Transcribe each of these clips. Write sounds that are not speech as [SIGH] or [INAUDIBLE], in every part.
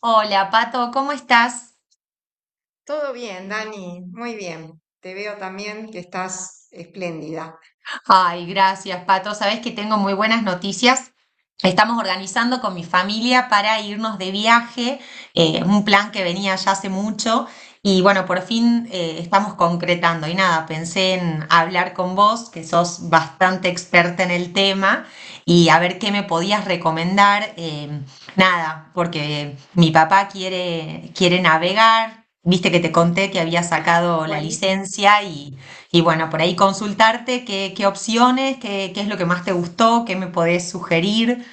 Hola, Pato, ¿cómo estás? Todo bien, Dani, muy bien. Te veo también que estás espléndida. Ay, gracias, Pato. Sabes que tengo muy buenas noticias. Estamos organizando con mi familia para irnos de viaje, un plan que venía ya hace mucho y bueno, por fin estamos concretando. Y nada, pensé en hablar con vos, que sos bastante experta en el tema, y a ver qué me podías recomendar. Nada, porque mi papá quiere navegar. Viste que te conté que había sacado la Buenísimo, licencia y... Y bueno, por ahí consultarte qué opciones, qué es lo que más te gustó, qué me podés sugerir.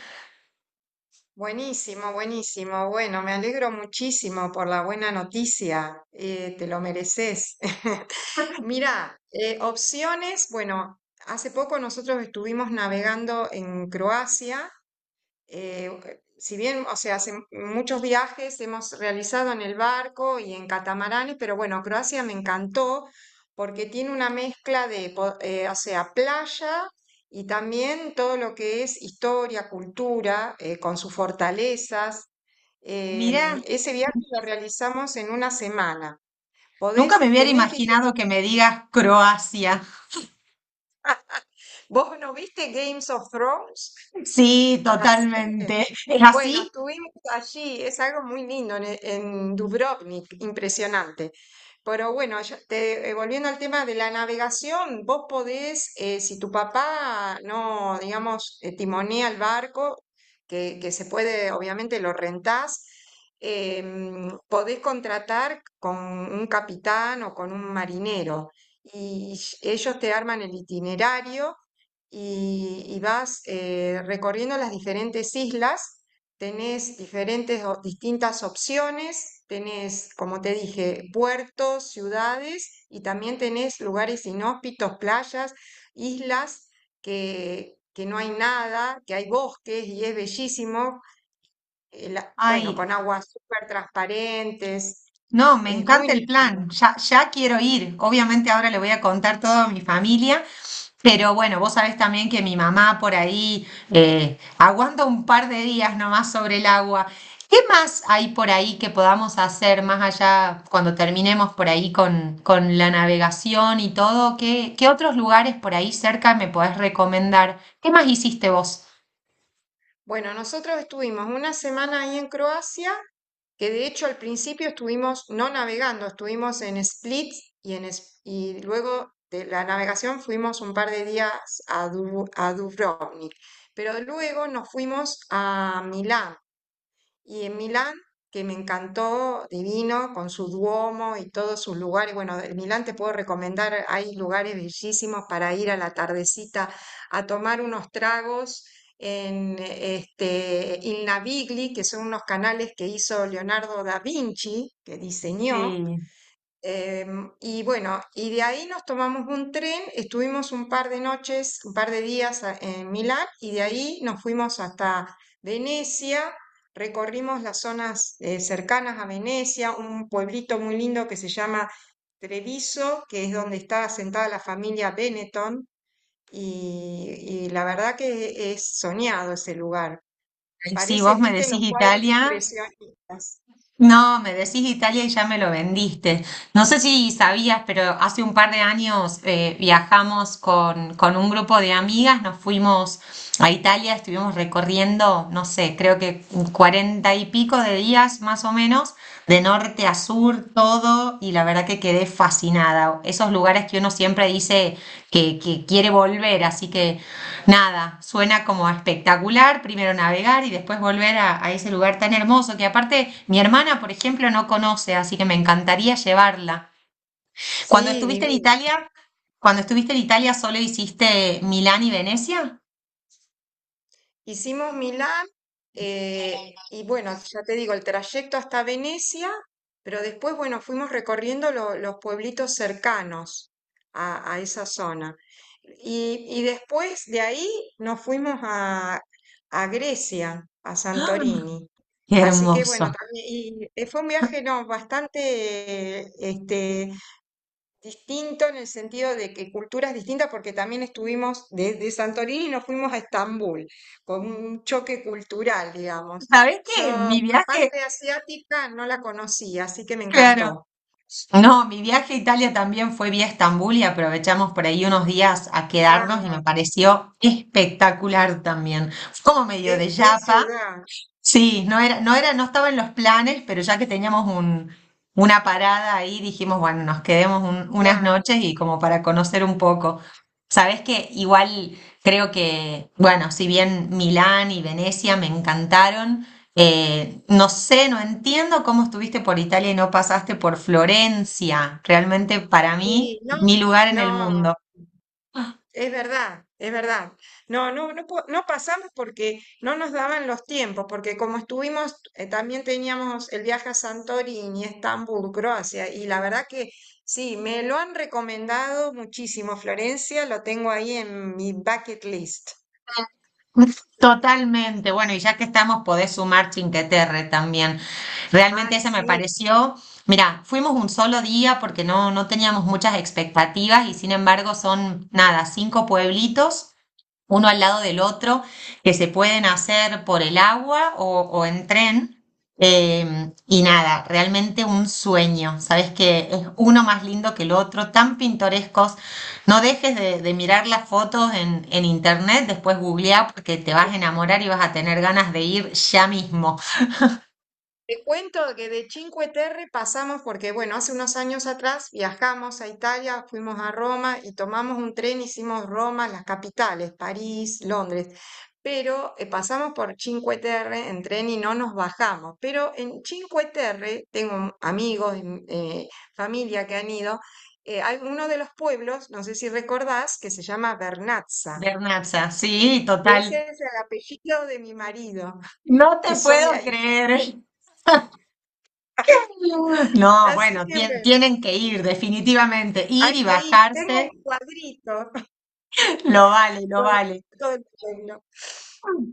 buenísimo, buenísimo. Bueno, me alegro muchísimo por la buena noticia. Te lo mereces. [LAUGHS] Mira, opciones. Bueno, hace poco nosotros estuvimos navegando en Croacia, ok, si bien, o sea, hace muchos viajes hemos realizado en el barco y en catamaranes, pero bueno, Croacia me encantó porque tiene una mezcla de, o sea, playa, y también todo lo que es historia, cultura, con sus fortalezas. Mira, Ese viaje lo realizamos en una semana. nunca me Podés, hubiera tenés, dije, imaginado que me digas Croacia. ¿vos no viste Games of Thrones? Sí, La serie. totalmente. ¿Es Bueno, así? estuvimos allí, es algo muy lindo en, en Dubrovnik, impresionante. Pero bueno, volviendo al tema de la navegación, vos podés, si tu papá no, digamos, timonea el barco, que se puede, obviamente lo rentás, podés contratar con un capitán o con un marinero, y ellos te arman el itinerario y vas recorriendo las diferentes islas. Tenés diferentes o distintas opciones, tenés, como te dije, puertos, ciudades, y también tenés lugares inhóspitos, playas, islas que no hay nada, que hay bosques y es bellísimo. Bueno, Ay, con aguas súper transparentes, no, me es muy encanta el lindo. plan. Ya quiero ir. Obviamente ahora le voy a contar todo a mi familia. Pero bueno, vos sabés también que mi mamá por ahí aguanta un par de días nomás sobre el agua. ¿Qué más hay por ahí que podamos hacer más allá cuando terminemos por ahí con la navegación y todo? ¿Qué, qué otros lugares por ahí cerca me podés recomendar? ¿Qué más hiciste vos? Bueno, nosotros estuvimos una semana ahí en Croacia, que de hecho al principio estuvimos no navegando, estuvimos en Split y, y luego de la navegación fuimos un par de días a, a Dubrovnik, pero luego nos fuimos a Milán. Y en Milán, que me encantó, divino, con su Duomo y todos sus lugares. Bueno, en Milán te puedo recomendar, hay lugares bellísimos para ir a la tardecita a tomar unos tragos en este Il Navigli, que son unos canales que hizo Leonardo da Vinci, que diseñó. Sí. Y bueno, y de ahí nos tomamos un tren, estuvimos un par de noches, un par de días en Milán, y de ahí nos fuimos hasta Venecia, recorrimos las zonas cercanas a Venecia, un pueblito muy lindo que se llama Treviso, que es donde está asentada la familia Benetton, y, y la verdad que es soñado ese lugar. Si Parece, vos me viste, los decís cuadros Italia, impresionistas. no, me decís Italia y ya me lo vendiste. No sé si sabías, pero hace un par de años viajamos con un grupo de amigas, nos fuimos a Italia, estuvimos recorriendo, no sé, creo que cuarenta y pico de días más o menos, de norte a sur, todo, y la verdad que quedé fascinada. Esos lugares que uno siempre dice que quiere volver, así que nada, suena como espectacular, primero navegar y después volver a ese lugar tan hermoso que aparte mi hermana, por ejemplo, no conoce, así que me encantaría llevarla. Cuando Sí, estuviste en divino. Italia, cuando estuviste en Italia solo hiciste Milán y Venecia. Hicimos Milán, y bueno, ya te digo, el trayecto hasta Venecia, pero después, bueno, fuimos recorriendo los pueblitos cercanos a esa zona. Y después de ahí nos fuimos a Grecia, a ¡Ah! Santorini. ¡Qué Así que bueno, hermoso! también, y fue un viaje no, bastante distinto, en el sentido de que culturas distintas, porque también estuvimos desde Santorini y nos fuimos a Estambul, con un choque cultural, digamos. ¿Sabés Yo qué? la Mi viaje, parte asiática no la conocía, así que me claro. encantó. No, mi viaje a Italia también fue vía Estambul y aprovechamos por ahí unos días a quedarnos y me Claro, pareció espectacular también. Fue como medio de qué, qué yapa. ciudad, Sí, no era, no estaba en los planes, pero ya que teníamos un, una parada ahí, dijimos, bueno, nos quedemos unas claro. noches y como para conocer un poco. Sabes que igual creo que, bueno, si bien Milán y Venecia me encantaron, no sé, no entiendo cómo estuviste por Italia y no pasaste por Florencia. Realmente para mí, Sí, no, mi lugar en el no, mundo. es verdad, es verdad. No, no, no, no pasamos porque no nos daban los tiempos, porque como estuvimos, también teníamos el viaje a Santorini, Estambul, Croacia, y la verdad que sí, me lo han recomendado muchísimo. Florencia, lo tengo ahí en mi bucket list. Totalmente. Bueno, y ya que estamos, podés sumar Chinqueterre también. Realmente Ay, ese me sí. pareció. Mira, fuimos un solo día porque no teníamos muchas expectativas y sin embargo son, nada, cinco pueblitos uno al lado del otro, que se pueden hacer por el agua o en tren. Y nada, realmente un sueño, sabes que es uno más lindo que el otro, tan pintorescos. No dejes de mirar las fotos en internet, después googlea porque te vas a enamorar y vas a tener ganas de ir ya mismo. Te cuento que de Cinque Terre pasamos porque, bueno, hace unos años atrás viajamos a Italia, fuimos a Roma y tomamos un tren, hicimos Roma, las capitales, París, Londres, pero pasamos por Cinque Terre en tren y no nos bajamos. Pero en Cinque Terre tengo amigos, familia que han ido, hay uno de los pueblos, no sé si recordás, que se llama Vernazza. Bernacha, sí, total. Ese es el apellido de mi marido, No [LAUGHS] que te son de puedo ahí. creer. No, Así bueno, que bueno. tienen que ir, definitivamente. Ir Hay y que ir, tengo bajarse, un cuadrito [LAUGHS] lo vale, lo con vale. todo el pueblo.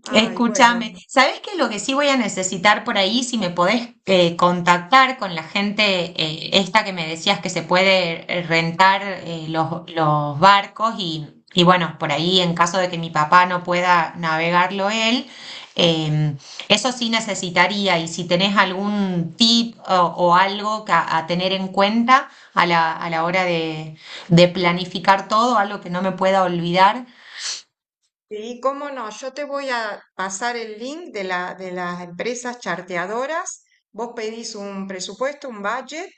Ay, Escúchame, bueno. ¿sabes qué? Lo que sí voy a necesitar por ahí, si me podés contactar con la gente esta que me decías que se puede rentar los barcos y bueno, por ahí en caso de que mi papá no pueda navegarlo él, eh, eso sí necesitaría y si tenés algún tip o algo que a tener en cuenta a la hora de planificar todo, algo que no me pueda olvidar. Sí, cómo no, yo te voy a pasar el link de la, de las empresas charteadoras. Vos pedís un presupuesto, un budget,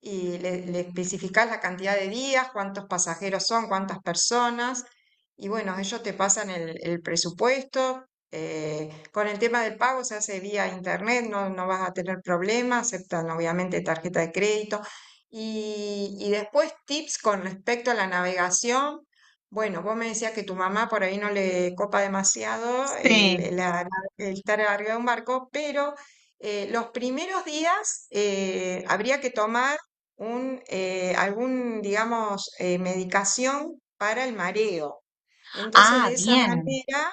y le especificás la cantidad de días, cuántos pasajeros son, cuántas personas, y bueno, ellos te pasan el presupuesto. Con el tema del pago se hace vía internet, no, no vas a tener problemas, aceptan obviamente tarjeta de crédito. Y después tips con respecto a la navegación. Bueno, vos me decías que tu mamá por ahí no le copa demasiado el, Sí. El estar arriba de un barco, pero los primeros días habría que tomar un, algún, digamos, medicación para el mareo. Entonces, Ah, bien.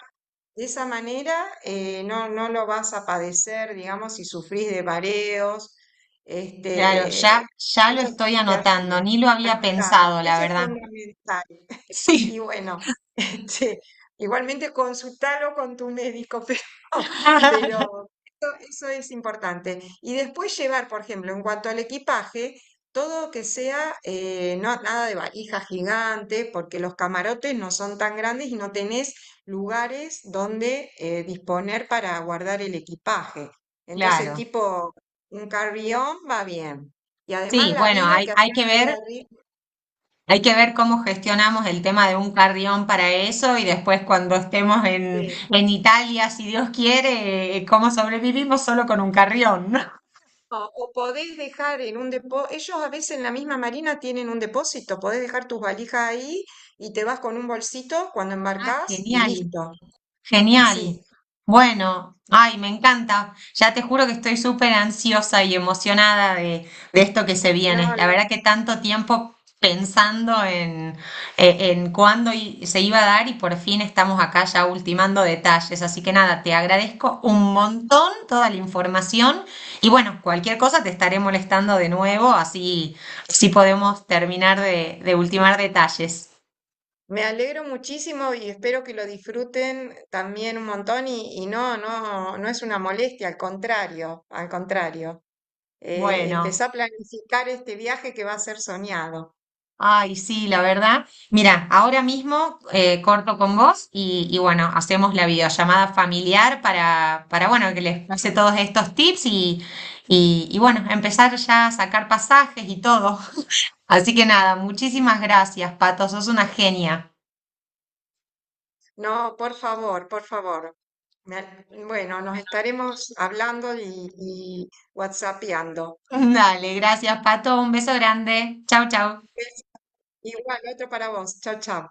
de esa manera no, no lo vas a padecer, digamos, si sufrís de mareos, Claro, este, ya lo eso estoy sí te anotando, ayuda. ni lo había Anotando, pensado, la eso es verdad. fundamental. Sí. Y bueno, [LAUGHS] este, igualmente consultalo con tu médico, [LAUGHS] [LAUGHS] pero eso es importante. Y después llevar, por ejemplo, en cuanto al equipaje, todo que sea, no, nada de valija gigante, porque los camarotes no son tan grandes y no tenés lugares donde disponer para guardar el equipaje. Entonces, Claro. tipo, un carry-on va bien. Y además Sí, la bueno, vida que hacemos día a día. hay que ver cómo gestionamos el tema de un carrión para eso y después cuando estemos en Italia, si Dios quiere, cómo sobrevivimos solo con un carrión, ¿no? [LAUGHS] O podés dejar en un depósito, ellos a veces en la misma marina tienen un depósito, podés dejar tus valijas ahí y te vas con un bolsito cuando Ah, embarcás y genial. listo, Genial. así. Bueno, ay, me encanta. Ya te juro que estoy súper ansiosa y emocionada de esto que se No, viene. La verdad lo- que tanto tiempo pensando en, en cuándo se iba a dar y por fin estamos acá ya ultimando detalles. Así que nada, te agradezco un montón toda la información y bueno, cualquier cosa te estaré molestando de nuevo, así, así podemos terminar de ultimar detalles. Me alegro muchísimo y espero que lo disfruten también un montón, y no, no, no es una molestia, al contrario, al contrario. Bueno. Empezá a planificar este viaje que va a ser soñado. Ay, sí, la verdad. Mira, ahora mismo corto con vos y bueno, hacemos la videollamada familiar para bueno, que les pase todos estos tips y, y bueno, empezar ya a sacar pasajes y todo. [LAUGHS] Así que nada, muchísimas gracias, Pato, sos una genia. No, por favor, por favor. Bueno, nos estaremos hablando y whatsappeando. [LAUGHS] Dale, gracias, Pato, un beso grande. Chau, chau. Igual, otro para vos. Chao, chao.